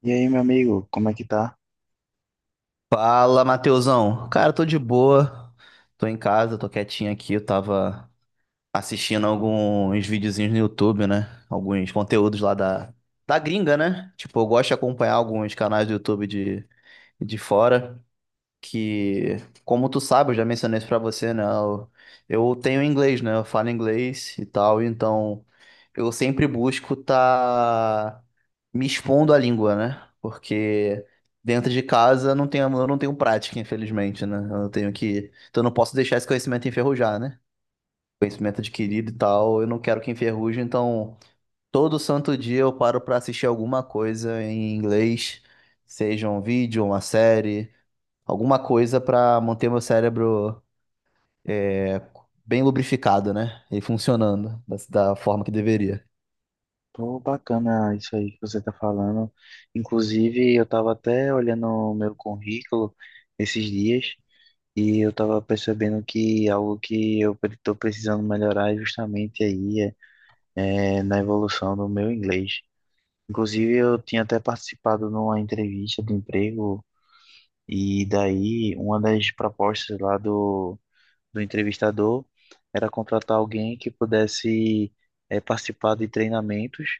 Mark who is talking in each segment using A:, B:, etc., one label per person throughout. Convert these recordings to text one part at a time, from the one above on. A: E aí, meu amigo, como é que tá?
B: Fala, Matheusão. Cara, tô de boa. Tô em casa, tô quietinho aqui. Eu tava assistindo alguns videozinhos no YouTube, né? Alguns conteúdos lá da gringa, né? Tipo, eu gosto de acompanhar alguns canais do YouTube de fora que, como tu sabe, eu já mencionei isso pra você, né? Eu tenho inglês, né? Eu falo inglês e tal, então eu sempre busco tá me expondo à língua, né? Porque dentro de casa não tenho, eu não tenho prática, infelizmente, né? Então eu não posso deixar esse conhecimento enferrujar, né? Conhecimento adquirido e tal, eu não quero que enferruje, então todo santo dia eu paro pra assistir alguma coisa em inglês, seja um vídeo, uma série, alguma coisa para manter meu cérebro é, bem lubrificado, né? E funcionando da forma que deveria.
A: Tô bacana isso aí que você tá falando. Inclusive, eu tava até olhando o meu currículo esses dias e eu tava percebendo que algo que tô precisando melhorar é justamente aí é na evolução do meu inglês. Inclusive, eu tinha até participado numa entrevista de emprego e daí uma das propostas lá do entrevistador era contratar alguém que pudesse participar de treinamentos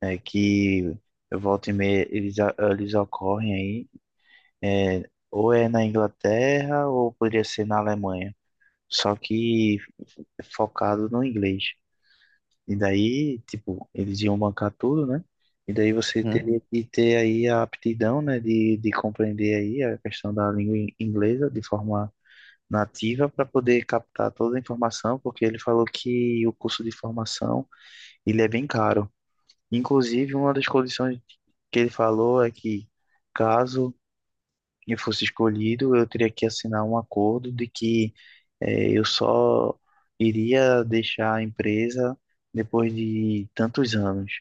A: que volta e meia eles ocorrem aí, é, ou é na Inglaterra ou poderia ser na Alemanha, só que focado no inglês. E daí, tipo, eles iam bancar tudo, né? E daí você
B: Hum.
A: teria que ter aí a aptidão, né, de compreender aí a questão da inglesa de forma nativa para poder captar toda a informação, porque ele falou que o curso de formação, ele é bem caro. Inclusive, uma das condições que ele falou é que, caso eu fosse escolhido, eu teria que assinar um acordo de que eu só iria deixar a empresa depois de tantos anos.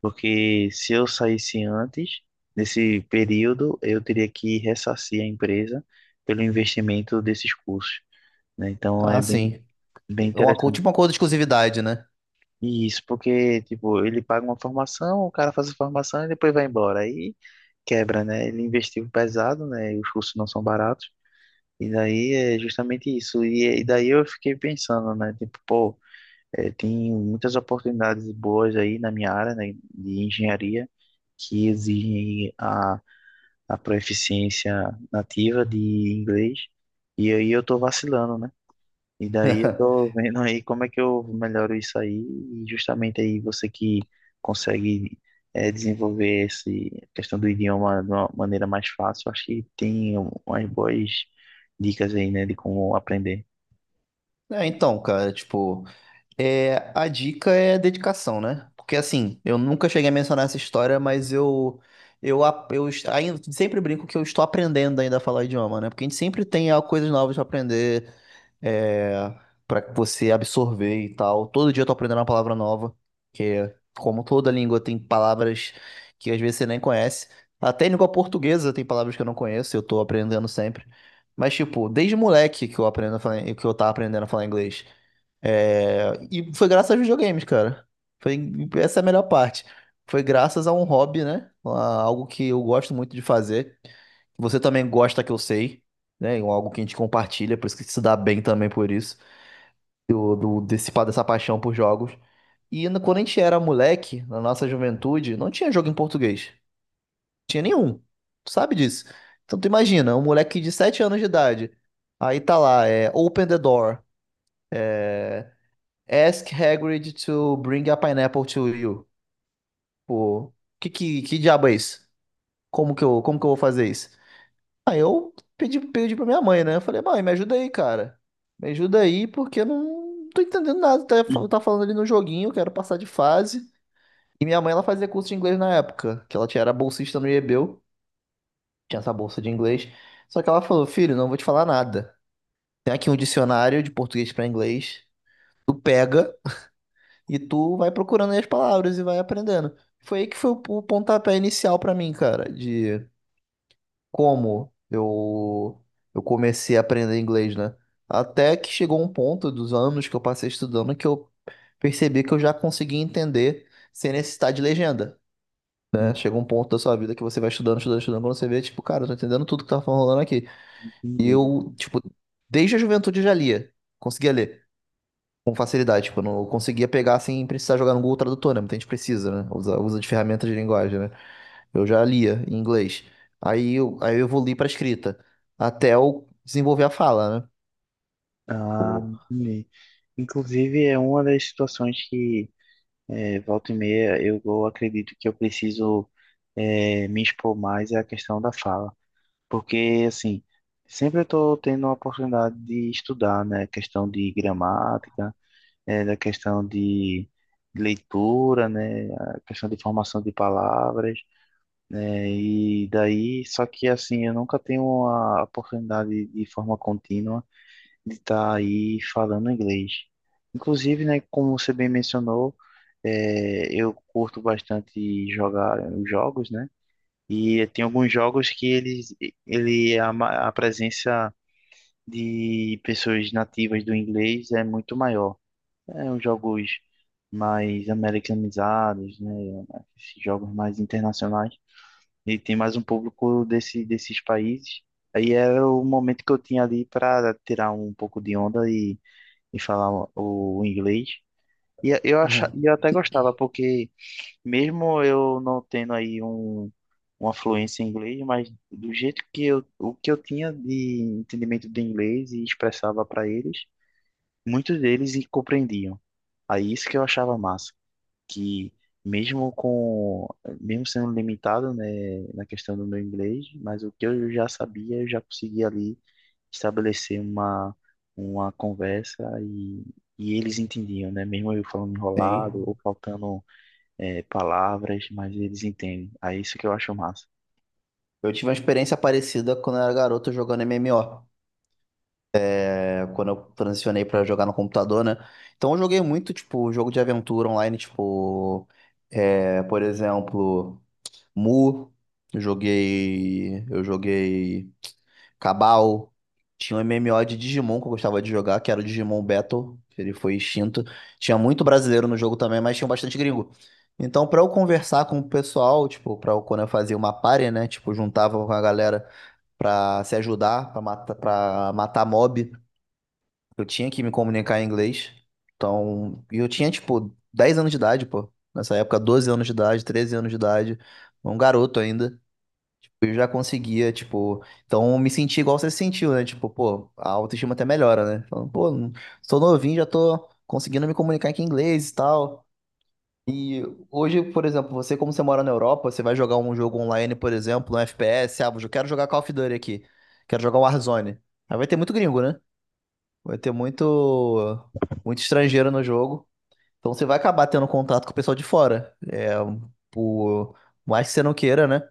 A: Porque se eu saísse antes desse período, eu teria que ressarcir a empresa pelo investimento desses custos, né? Então,
B: Ah, sim.
A: bem
B: É uma,
A: interessante.
B: tipo uma coisa de exclusividade, né?
A: Isso, porque, tipo, ele paga uma formação, o cara faz a formação e depois vai embora. Aí quebra, né? Ele investiu pesado, né? E os cursos não são baratos. E daí é justamente isso. E daí eu fiquei pensando, né? Tipo, pô, é, tem muitas oportunidades boas aí na minha área, né? De engenharia, que exigem a proficiência nativa de inglês. E aí eu tô vacilando, né? E daí eu tô vendo aí como é que eu melhoro isso aí, e justamente aí você que consegue desenvolver essa questão do idioma de uma maneira mais fácil, acho que tem umas boas dicas aí, né, de como aprender.
B: É, então, cara, tipo, a dica é dedicação, né? Porque assim, eu nunca cheguei a mencionar essa história, mas eu, a- eu est- ainda sempre brinco que eu estou aprendendo ainda a falar idioma, né? Porque a gente sempre tem coisas novas pra aprender, é, para você absorver e tal. Todo dia eu tô aprendendo uma palavra nova, que é, como toda língua tem palavras que às vezes você nem conhece. Até em língua portuguesa tem palavras que eu não conheço, eu tô aprendendo sempre. Mas tipo, desde moleque que eu aprendo a falar, que eu tava aprendendo a falar inglês. É, e foi graças aos videogames, cara. Foi essa é a melhor parte. Foi graças a um hobby, né? Algo que eu gosto muito de fazer. Você também gosta, que eu sei, né? É algo que a gente compartilha, por isso que se dá bem também, por isso, dessa paixão por jogos. Quando a gente era moleque, na nossa juventude, não tinha jogo em português. Não tinha nenhum. Tu sabe disso. Então tu imagina, um moleque de 7 anos de idade. Aí tá lá, Open the door. Ask Hagrid to bring a pineapple to you. Pô, que diabo é isso? Como que eu vou fazer isso? Aí eu pedi pra minha mãe, né? Eu falei, mãe, me ajuda aí, cara. Me ajuda aí, porque eu não tô entendendo nada. Tá, tá falando ali no joguinho, eu quero passar de fase. E minha mãe, ela fazia curso de inglês na época, que ela tinha, era bolsista no IEBEU, tinha essa bolsa de inglês. Só que ela falou, filho, não vou te falar nada. Tem aqui um dicionário de português pra inglês. Tu pega e tu vai procurando aí as palavras e vai aprendendo. Foi aí que foi o pontapé inicial pra mim, cara, de como eu comecei a aprender inglês, né? Até que chegou um ponto dos anos que eu passei estudando que eu percebi que eu já conseguia entender sem necessitar de legenda,
A: Uhum.
B: né? Chega um ponto da sua vida que você vai estudando, estudando, estudando, quando você vê, tipo, cara, eu tô entendendo tudo que tá falando aqui. E
A: Entendi.
B: eu, tipo, desde a juventude eu já lia, conseguia ler com facilidade. Tipo, eu não conseguia pegar sem precisar jogar no Google Tradutor, né? Muita gente precisa, né? Usa de ferramentas de linguagem, né? Eu já lia em inglês. Aí eu evoluí para escrita, até eu desenvolver a fala, né?
A: Ah,
B: Pô.
A: entendi. Inclusive, é uma das situações que volta e meia eu acredito que eu preciso me expor mais é a questão da fala. Porque, assim, sempre eu estou tendo a oportunidade de estudar, né? Questão de gramática, da questão de leitura, né? A questão de formação de palavras, né? E daí, só que, assim, eu nunca tenho a oportunidade de forma contínua de estar aí falando inglês. Inclusive, né? Como você bem mencionou, eu curto bastante jogar né, jogos, né? E tem alguns jogos que eles, ele, a, ma- a presença de pessoas nativas do inglês é muito maior. É uns jogos mais americanizados, né? Esses jogos mais internacionais. E tem mais um público desses países. Aí era o momento que eu tinha ali para tirar um pouco de onda e falar o inglês. E
B: Uhum.
A: eu até gostava, porque mesmo eu não tendo aí uma fluência em inglês, mas do jeito que o que eu tinha de entendimento de inglês e expressava para eles, muitos deles e compreendiam. Aí isso que eu achava massa, que mesmo com, mesmo sendo limitado, né, na questão do meu inglês, mas o que eu já sabia, eu já conseguia ali estabelecer uma conversa e eles entendiam, né, mesmo eu falando enrolado
B: Sim.
A: ou faltando palavras, mas eles entendem. Aí isso que eu acho massa.
B: Eu tive uma experiência parecida quando eu era garoto jogando MMO, quando eu transicionei pra jogar no computador, né? Então eu joguei muito, tipo, jogo de aventura online, tipo, por exemplo. Mu, eu joguei Cabal. Tinha um MMO de Digimon que eu gostava de jogar, que era o Digimon Battle, que ele foi extinto. Tinha muito brasileiro no jogo também, mas tinha bastante gringo. Então, pra eu conversar com o pessoal, tipo, pra eu, quando eu fazia uma party, né, tipo, juntava com a galera pra se ajudar, pra matar mob, eu tinha que me comunicar em inglês. Então, e eu tinha, tipo, 10 anos de idade, pô. Nessa época, 12 anos de idade, 13 anos de idade, um garoto ainda, eu já conseguia, tipo, então eu me senti igual você se sentiu, né? Tipo, pô, a autoestima até melhora, né? Falando, pô, sou novinho, já tô conseguindo me comunicar aqui em inglês e tal. E hoje, por exemplo, você, como você mora na Europa, você vai jogar um jogo online, por exemplo, um FPS, ah, eu quero jogar Call of Duty aqui, quero jogar Warzone. Aí vai ter muito gringo, né? Vai ter muito, muito estrangeiro no jogo. Então você vai acabar tendo contato com o pessoal de fora. É, por mais que você não queira, né?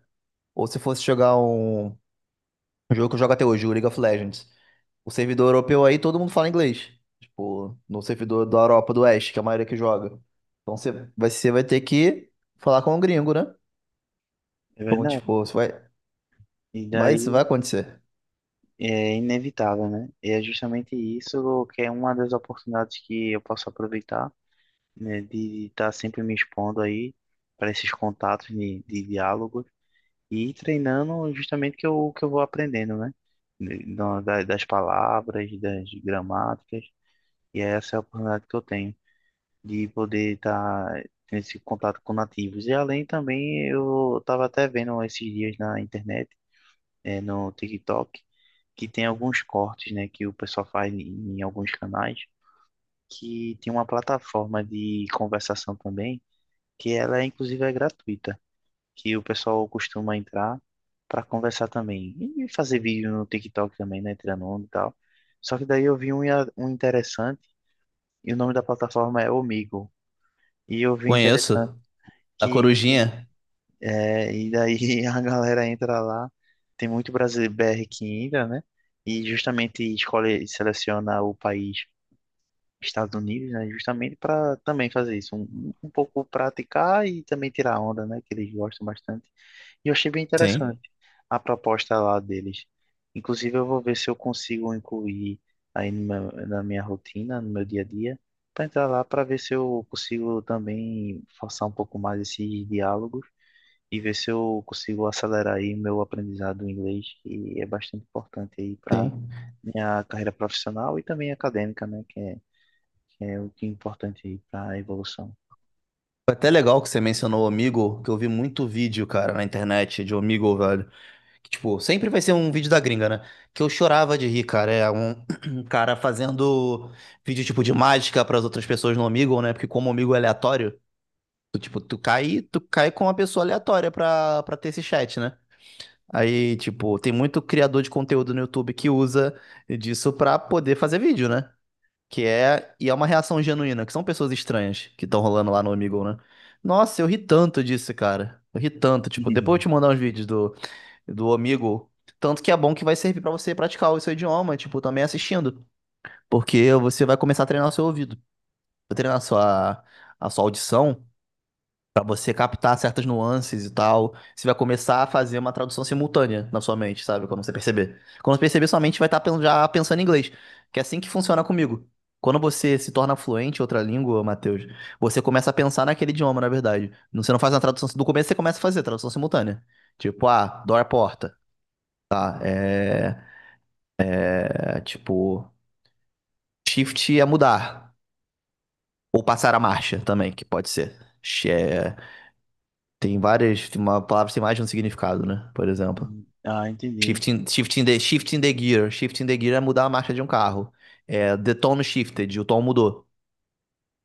B: Ou se fosse jogar um. O jogo que eu jogo até hoje, o League of Legends. O servidor europeu aí, todo mundo fala inglês. Tipo, no servidor da Europa do Oeste, que é a maioria que joga. Então você vai ter que falar com o gringo, né?
A: É
B: Então,
A: verdade.
B: tipo, isso vai,
A: E
B: vai, isso vai
A: daí
B: acontecer.
A: é inevitável, né? E é justamente isso que é uma das oportunidades que eu posso aproveitar, né? De estar sempre me expondo aí para esses contatos de diálogo e ir treinando justamente o que eu vou aprendendo, né? Das palavras, das gramáticas, e essa é a oportunidade que eu tenho de poder estar nesse contato com nativos. E além também, eu estava até vendo esses dias na internet, no TikTok, que tem alguns cortes, né, que o pessoal faz em, em alguns canais, que tem uma plataforma de conversação também, que ela inclusive é gratuita, que o pessoal costuma entrar para conversar também e fazer vídeo no TikTok também, né, tirando onda e tal. Só que daí eu vi um interessante e o nome da plataforma é Omigo. E eu vi interessante
B: Conheço. A
A: que
B: Corujinha.
A: é, e daí a galera entra lá, tem muito brasileiro BR que entra, né? E justamente escolhe, seleciona o país Estados Unidos, né? Justamente para também fazer isso, um pouco praticar e também tirar onda, né? Que eles gostam bastante. E eu achei bem interessante
B: Sim,
A: a proposta lá deles. Inclusive, eu vou ver se eu consigo incluir aí no meu- na minha rotina, no meu dia a dia, para entrar lá para ver se eu consigo também forçar um pouco mais esses diálogos e ver se eu consigo acelerar aí meu aprendizado em inglês, que é bastante importante aí para
B: sim.
A: minha carreira profissional e também acadêmica, né? Que é o que é importante aí para a evolução.
B: Foi até legal que você mencionou o Omegle, que eu vi muito vídeo, cara, na internet de Omegle, velho. Tipo, sempre vai ser um vídeo da gringa, né? Que eu chorava de rir, cara. É um, um cara fazendo vídeo tipo de mágica para as outras pessoas no Omegle, né? Porque como o Omegle é aleatório, tu, tipo, tu cai com uma pessoa aleatória pra, pra ter esse chat, né? Aí, tipo, tem muito criador de conteúdo no YouTube que usa disso pra poder fazer vídeo, né? Que é, e é uma reação genuína, que são pessoas estranhas que estão rolando lá no Omegle, né? Nossa, eu ri tanto disso, cara. Eu ri tanto, tipo, depois eu te mandar uns vídeos do amigo. Tanto que é bom que vai servir pra você praticar o seu idioma, tipo, também assistindo. Porque você vai começar a treinar o seu ouvido, vai treinar a sua audição, pra você captar certas nuances e tal. Você vai começar a fazer uma tradução simultânea na sua mente, sabe? Quando você perceber. Quando você perceber, sua mente vai estar já pensando em inglês. Que é assim que funciona comigo. Quando você se torna fluente em outra língua, Matheus, você começa a pensar naquele idioma, na verdade. Você não faz uma tradução. Do começo você começa a fazer tradução simultânea. Tipo, ah, dor à porta. É tipo, shift é mudar. Ou passar a marcha também, que pode ser. é, Tem várias. Uma palavra tem mais de um significado, né? Por exemplo.
A: Ah, entendi,
B: Shifting the gear. Shifting the gear é mudar a marcha de um carro. É, the tone shifted, o tom mudou.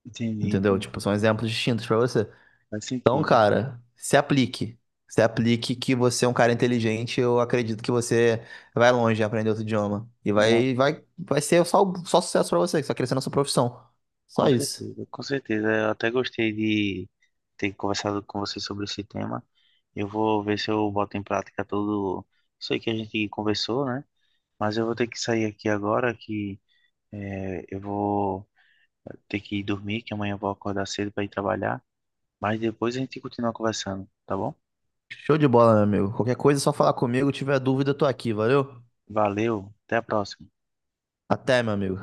A: entendi,
B: Entendeu? Tipo,
A: entendi.
B: são exemplos distintos pra você.
A: Faz
B: Então,
A: sentido.
B: cara, se aplique. Se aplique, que você é um cara inteligente, eu acredito que você vai longe em aprender outro idioma. E
A: Não,
B: vai ser só sucesso pra você, que você vai crescer na sua profissão. Só
A: com
B: isso.
A: certeza, com certeza. Eu até gostei de ter conversado com você sobre esse tema. Eu vou ver se eu boto em prática tudo isso aí que a gente conversou, né? Mas eu vou ter que sair aqui agora, que eu vou ter que ir dormir, que amanhã eu vou acordar cedo para ir trabalhar. Mas depois a gente continua conversando, tá bom?
B: Show de bola, meu amigo. Qualquer coisa é só falar comigo. Tiver dúvida, eu tô aqui, valeu?
A: Valeu, até a próxima.
B: Até, meu amigo.